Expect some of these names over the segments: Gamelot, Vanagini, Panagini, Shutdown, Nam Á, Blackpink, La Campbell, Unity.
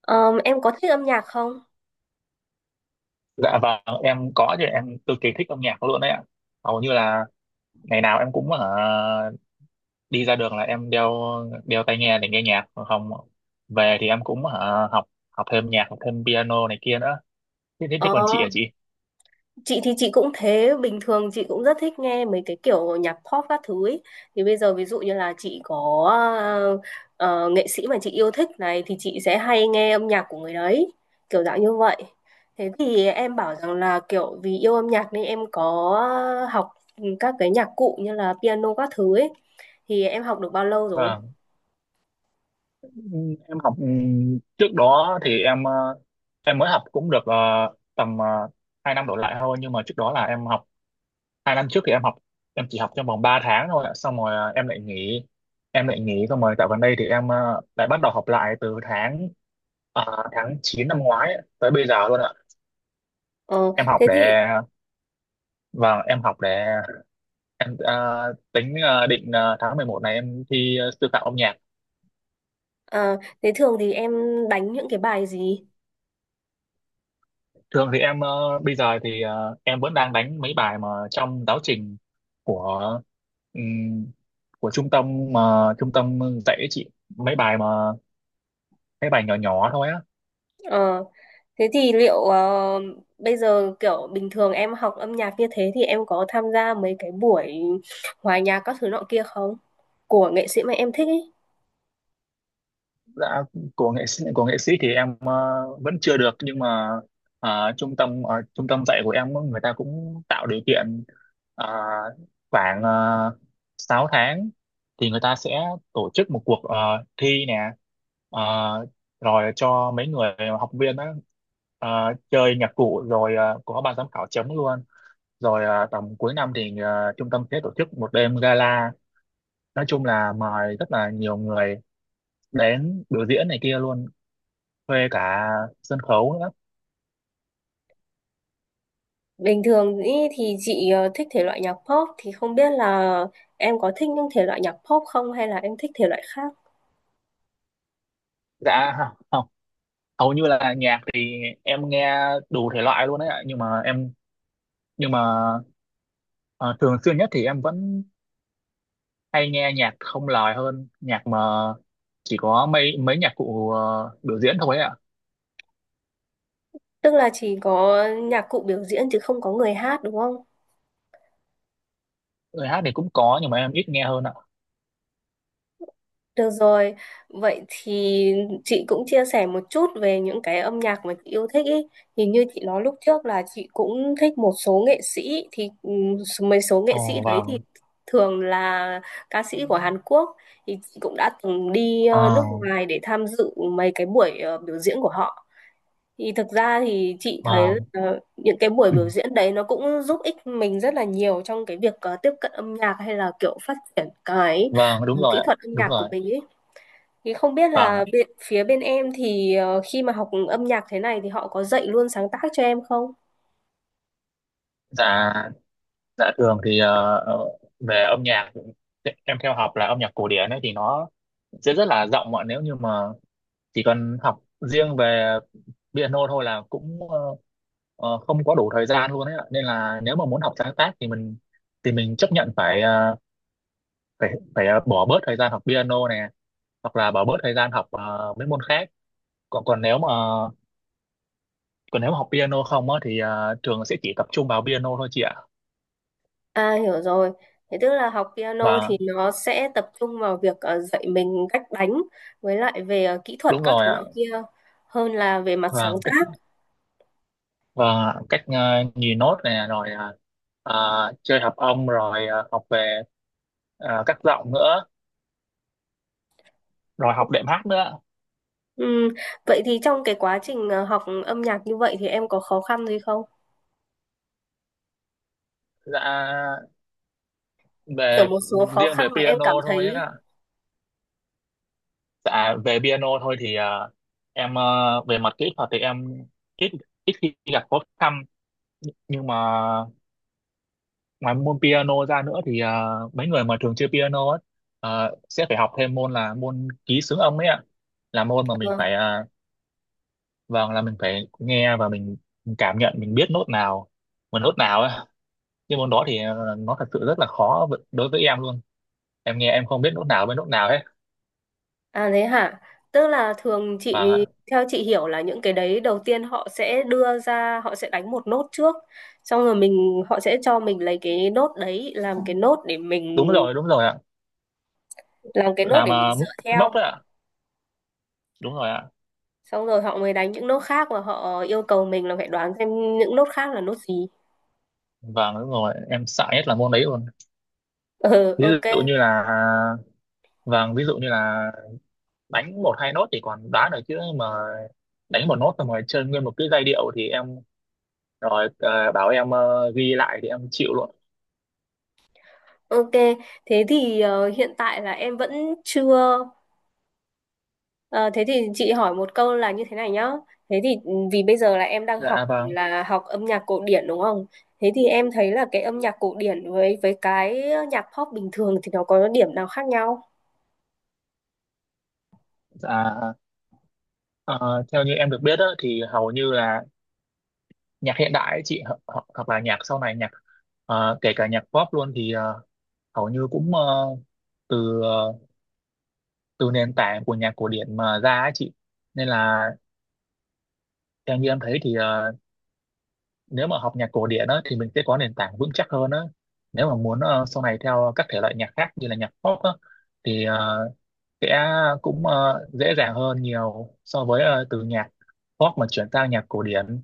Em có thích âm nhạc không? Dạ vâng, em có chứ em cực kỳ thích âm nhạc luôn đấy ạ. Hầu như là ngày nào em cũng đi ra đường là em đeo đeo tai nghe để nghe nhạc, còn không về thì em cũng học học thêm nhạc, học thêm piano này kia nữa. Thế thế, thế Ờ, còn chị à chị? chị thì chị cũng thế, bình thường chị cũng rất thích nghe mấy cái kiểu nhạc pop các thứ ấy. Thì bây giờ ví dụ như là chị có ờ, nghệ sĩ mà chị yêu thích này thì chị sẽ hay nghe âm nhạc của người đấy, kiểu dạng như vậy. Thế thì em bảo rằng là kiểu vì yêu âm nhạc nên em có học các cái nhạc cụ như là piano các thứ ấy. Thì em học được bao lâu rồi? Vâng. Em học trước đó thì em mới học cũng được tầm uh, 2 năm đổ lại thôi, nhưng mà trước đó là em học 2 năm trước thì em học em chỉ học trong vòng 3 tháng thôi ạ. Xong rồi à, em lại nghỉ. Xong rồi dạo gần đây thì em à, lại bắt đầu học lại từ à, tháng 9 năm ngoái ấy, tới bây giờ luôn ạ. Ờ, em học Thế thì để và em học để em à, tính à, định à, tháng 11 này em thi sư phạm âm nhạc. ờ, thế thường thì em đánh những cái bài gì? Thường thì bây giờ thì em vẫn đang đánh mấy bài mà trong giáo trình của ừm, của trung tâm mà trung tâm dạy ấy chị, mấy bài mà mấy bài nhỏ nhỏ thôi á. Ờ, Thế thì liệu bây giờ kiểu bình thường em học âm nhạc như thế thì em có tham gia mấy cái buổi hòa nhạc các thứ nọ kia không? Của nghệ sĩ mà em thích ấy. Dạ, của nghệ sĩ, của nghệ sĩ thì em vẫn chưa được, nhưng mà trung tâm dạy của em người ta cũng tạo điều kiện. ờ, khoảng uh, 6 tháng thì người ta sẽ tổ chức một cuộc thi nè. Ờ, rồi cho mấy người học viên á, ờ, chơi nhạc cụ, rồi có ban giám khảo chấm luôn. Rồi tầm cuối năm thì trung tâm sẽ tổ chức một đêm gala, nói chung là mời rất là nhiều người đến biểu diễn này kia luôn, thuê cả sân khấu nữa. Bình thường ý thì chị thích thể loại nhạc pop thì không biết là em có thích những thể loại nhạc pop không hay là em thích thể loại khác? Dạ, không, không, hầu như là nhạc thì em nghe đủ thể loại luôn đấy ạ, nhưng mà em nhưng mà ờ, thường xuyên nhất thì em vẫn hay nghe nhạc không lời hơn nhạc mà chỉ có mấy mấy nhạc cụ biểu diễn thôi ấy ạ. Tức là chỉ có nhạc cụ biểu diễn chứ không có người hát đúng không? Lời hát thì cũng có nhưng mà em ít nghe hơn ạ. Được rồi, vậy thì chị cũng chia sẻ một chút về những cái âm nhạc mà chị yêu thích ý. Thì như chị nói lúc trước là chị cũng thích một số nghệ sĩ thì mấy số nghệ sĩ Ồ đấy thì vâng. thường là ca sĩ của Hàn Quốc thì chị cũng đã từng đi nước ờ, ngoài để tham dự mấy cái buổi biểu diễn của họ. Thì thực ra thì chị thấy vâng. Những cái buổi biểu diễn đấy nó cũng giúp ích mình rất là nhiều trong cái việc tiếp cận âm nhạc hay là kiểu phát triển cái Vâng, đúng rồi kỹ ạ. thuật âm Đúng nhạc của rồi. mình ý, thì không biết Vâng là ạ. bên, phía bên em thì khi mà học âm nhạc thế này thì họ có dạy luôn sáng tác cho em không? Dạ. Dạ thường thì về âm nhạc em theo học là âm nhạc cổ điển ấy, thì nó sẽ rất là rộng ạ. Nếu như mà chỉ cần học riêng về piano thôi là cũng không có đủ thời gian luôn ấy ạ. Nên là nếu mà muốn học sáng tác thì mình chấp nhận phải ờ, phải phải ờ, bỏ bớt thời gian học piano nè, hoặc là bỏ bớt thời gian học mấy môn khác. Còn còn nếu mà còn nếu mà học piano không á thì trường sẽ chỉ tập trung vào piano thôi chị ạ. À hiểu rồi. Thế tức là học piano Và thì nó sẽ tập trung vào việc dạy mình cách đánh với lại về kỹ thuật đúng các rồi thứ ạ. loại kia hơn là về mặt sáng và cách tác. và cách ờ, nhìn nốt nè, rồi ờ, chơi hợp âm, rồi học về các giọng nữa, rồi học đệm hát nữa. Ừm, Vậy thì trong cái quá trình học âm nhạc như vậy thì em có khó khăn gì không? Dạ Kiểu về một số khó riêng khăn về mà em piano cảm thôi thấy á. Dạ về piano thôi thì em ờ, về mặt kỹ thuật thì em ít ít khi gặp khó khăn. Nhưng mà ngoài môn piano ra nữa thì mấy người mà thường chơi piano ấy, sẽ phải học thêm môn là môn ký xướng âm ấy ạ. Là môn mà mình ờ, phải vâng, là mình phải nghe và mình cảm nhận, mình biết nốt nào và nốt nào ấy. Nhưng môn đó thì nó thật sự rất là khó đối với em luôn. Em nghe em không biết nốt nào với nốt nào hết. à thế hả? Tức là thường Vâng ạ. chị, theo chị hiểu là những cái đấy đầu tiên họ sẽ đưa ra, họ sẽ đánh một nốt trước, xong rồi mình họ sẽ cho mình lấy cái nốt đấy làm cái nốt để mình, Đúng rồi, đúng rồi ạ. làm cái nốt Làm để mình à, dựa cái theo, móc đấy ạ. Đúng rồi ạ. xong rồi họ mới đánh những nốt khác và họ yêu cầu mình là phải đoán xem những nốt khác là nốt gì. Vâng đúng rồi, em sợ nhất là môn đấy luôn. Ừ, Ví ok, dụ như là, vâng, ví dụ như là đánh một hai nốt thì còn đoán được, chứ mà đánh một nốt xong rồi chơi nguyên một cái giai điệu thì em, rồi bảo em ghi lại thì em chịu luôn. ok, thế thì hiện tại là em vẫn chưa. Ờ, Thế thì chị hỏi một câu là như thế này nhá. Thế thì ừ, vì bây giờ là em đang học Dạ vâng. là học âm nhạc cổ điển đúng không? Thế thì em thấy là cái âm nhạc cổ điển với cái nhạc pop bình thường thì nó có điểm nào khác nhau? Dạ ờ, theo như em được biết á, thì hầu như là nhạc hiện đại ấy chị hoặc là nhạc sau này, nhạc kể cả nhạc pop luôn thì hầu như cũng từ ờ, từ nền tảng của nhạc cổ điển mà ra ấy chị. Nên là theo như em thấy thì nếu mà học nhạc cổ điển á, thì mình sẽ có nền tảng vững chắc hơn á. Nếu mà muốn sau này theo các thể loại nhạc khác như là nhạc pop á, thì sẽ cũng dễ dàng hơn nhiều so với từ nhạc pop mà chuyển sang nhạc cổ điển.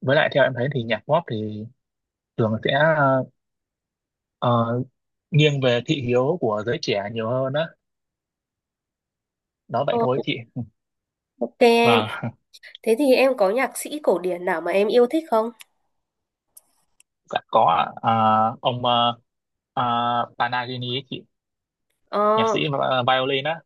Với lại theo em thấy thì nhạc pop thì thường sẽ ờ, nghiêng về thị hiếu của giới trẻ nhiều hơn á. Đó vậy Ờ, thôi chị. ok em. Vâng. Thế thì em có nhạc sĩ cổ điển nào mà em yêu thích không? Dạ có ạ. Ông Panagini ấy chị, nhạc Ờ, sĩ violin á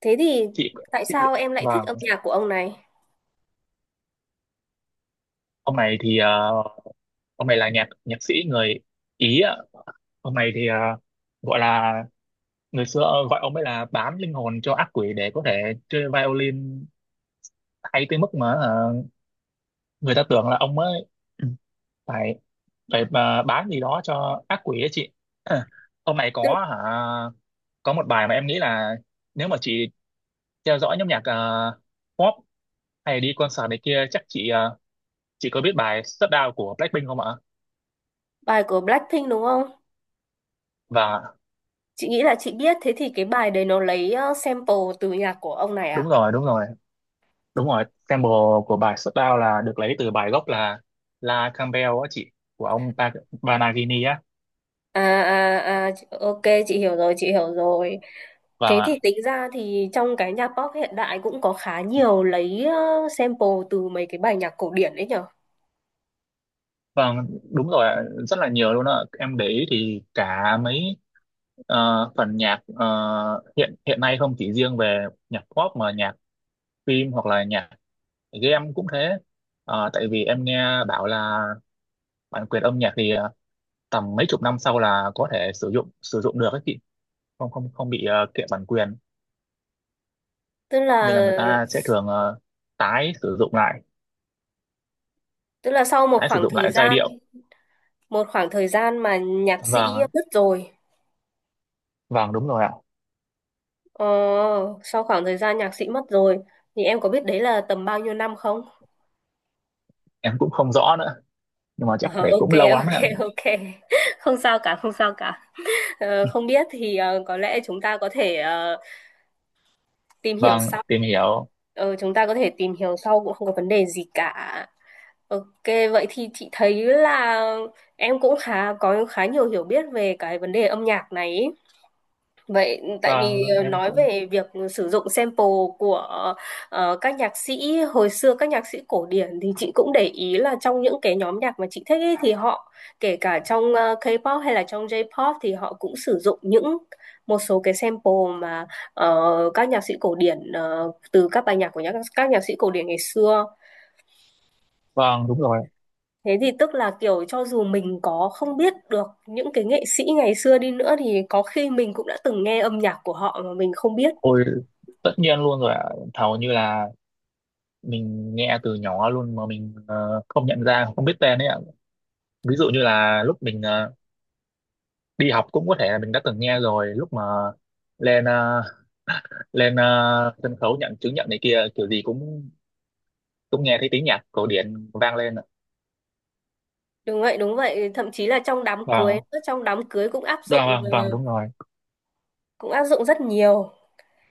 Thế thì chị. tại Chị, sao em lại thích vâng. âm nhạc của ông này? Ông này thì ông này là nhạc nhạc sĩ người Ý ạ. Ông này thì gọi là, người xưa gọi ông ấy là bán linh hồn cho ác quỷ để có thể chơi violin, hay tới mức mà người ta tưởng là ông ấy phải phải ờ, bán gì đó cho ác quỷ ấy chị. Ông này Tức- có hả, có một bài mà em nghĩ là, nếu mà chị theo dõi nhóm nhạc pop hay đi concert này kia, chắc chị chị có biết bài Shutdown của Blackpink không ạ? Bài của Blackpink đúng không? Và Chị nghĩ là chị biết. Thế thì cái bài đấy nó lấy sample từ nhạc của ông này đúng à? rồi, đúng rồi, đúng rồi, sample của bài Shutdown là được lấy từ bài gốc là La Campbell á chị, của Vanagini á. À, à, à, chị- ok, chị hiểu rồi. Vâng Thế ạ. thì tính ra thì trong cái nhạc pop hiện đại cũng có khá nhiều lấy sample từ mấy cái bài nhạc cổ điển đấy nhở. Vâng, đúng rồi, ạ, rất là nhiều luôn ạ. Em để ý thì cả mấy phần nhạc hiện hiện nay, không chỉ riêng về nhạc pop mà nhạc phim hoặc là nhạc game cũng thế. Ờ, tại vì em nghe bảo là bản quyền âm nhạc thì tầm mấy chục năm sau là có thể sử dụng được ấy chị, không không không bị kiện bản quyền. Tức là Nên là người ta sẽ thường tái sử dụng lại, tức là sau một tái sử khoảng dụng thời lại giai gian, điệu. một khoảng thời gian mà nhạc sĩ Vâng, mất rồi, vâng đúng rồi ạ. ờ, sau khoảng thời gian nhạc sĩ mất rồi thì em có biết đấy là tầm bao nhiêu năm không? Em cũng không rõ nữa, nhưng mà Ờ, chắc phải ok, cũng lâu lắm ạ. ok, ok. Không sao cả, không sao cả. Không biết thì có lẽ chúng ta có thể tìm hiểu Vâng, sau. tìm hiểu. Chúng ta có thể tìm hiểu sau cũng không có vấn đề gì cả. Ok, vậy thì chị thấy là em cũng có khá nhiều hiểu biết về cái vấn đề âm nhạc này ý. Vậy tại Vâng vì em nói cũng. về việc sử dụng sample của các nhạc sĩ hồi xưa, các nhạc sĩ cổ điển thì chị cũng để ý là trong những cái nhóm nhạc mà chị thích ấy, thì họ kể cả trong K-pop hay là trong J-pop thì họ cũng sử dụng những một số cái sample mà các nhạc sĩ cổ điển từ các bài nhạc của nhạc, các nhạc sĩ cổ điển ngày xưa. Vâng đúng rồi. Thế thì tức là kiểu cho dù mình có không biết được những cái nghệ sĩ ngày xưa đi nữa thì có khi mình cũng đã từng nghe âm nhạc của họ mà mình không biết. Ôi, tất nhiên luôn rồi ạ. Thầu như là mình nghe từ nhỏ luôn mà mình không nhận ra, không biết tên ấy ạ. Ví dụ như là lúc mình đi học cũng có thể là mình đã từng nghe rồi, lúc mà lên ờ, lên sân khấu nhận chứng nhận này kia kiểu gì cũng cũng nghe thấy tiếng nhạc cổ điển vang lên ạ. Đúng vậy, thậm chí là Vâng, trong đám cưới cũng áp dụng, vâng, vâng. Vâng, đúng rồi. cũng áp dụng rất nhiều.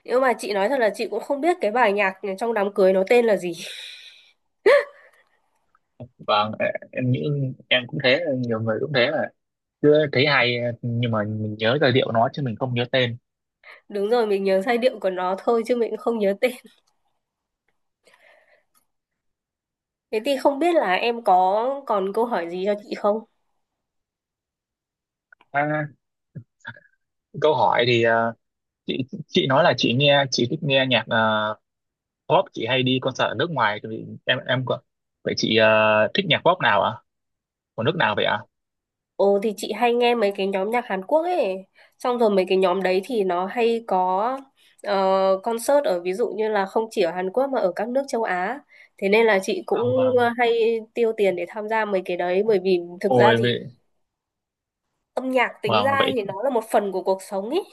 Nhưng mà chị nói thật là chị cũng không biết cái bài nhạc trong đám cưới nó tên là gì. Vâng ê, em nghĩ em cũng thế, nhiều người cũng thế mà cứ thấy hay nhưng mà mình nhớ giai điệu nó chứ mình không nhớ tên. Đúng rồi, mình nhớ giai điệu của nó thôi chứ mình cũng không nhớ tên. Thế thì không biết là em có còn câu hỏi gì cho chị không? À, câu hỏi thì chị nói là chị nghe chị thích nghe nhạc pop, chị hay đi concert ở nước ngoài, thì em có-, vậy chị thích nhạc pop nào ạ, của nước nào vậy ạ? Ồ thì chị hay nghe mấy cái nhóm nhạc Hàn Quốc ấy. Xong rồi mấy cái nhóm đấy thì nó hay có concert ở ví dụ như là không chỉ ở Hàn Quốc mà ở các nước châu Á. Thế nên là chị cũng Vâng, vâng. Hay tiêu tiền để tham gia mấy cái đấy. Bởi vì thực ra Ôi. thì âm nhạc tính Vâng, ra vậy, thì nó là một phần của cuộc sống ấy.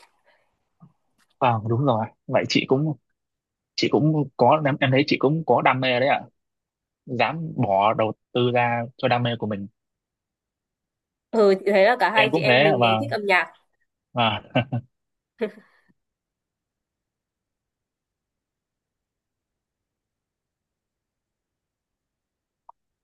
vâng đúng rồi. Vậy chị cũng có em thấy chị cũng có đam mê đấy ạ. Dám bỏ đầu tư ra cho đam mê của mình. Ừ, chị thấy là cả hai Em chị cũng em thế ạ, mình đều thích vâng. âm nhạc. Và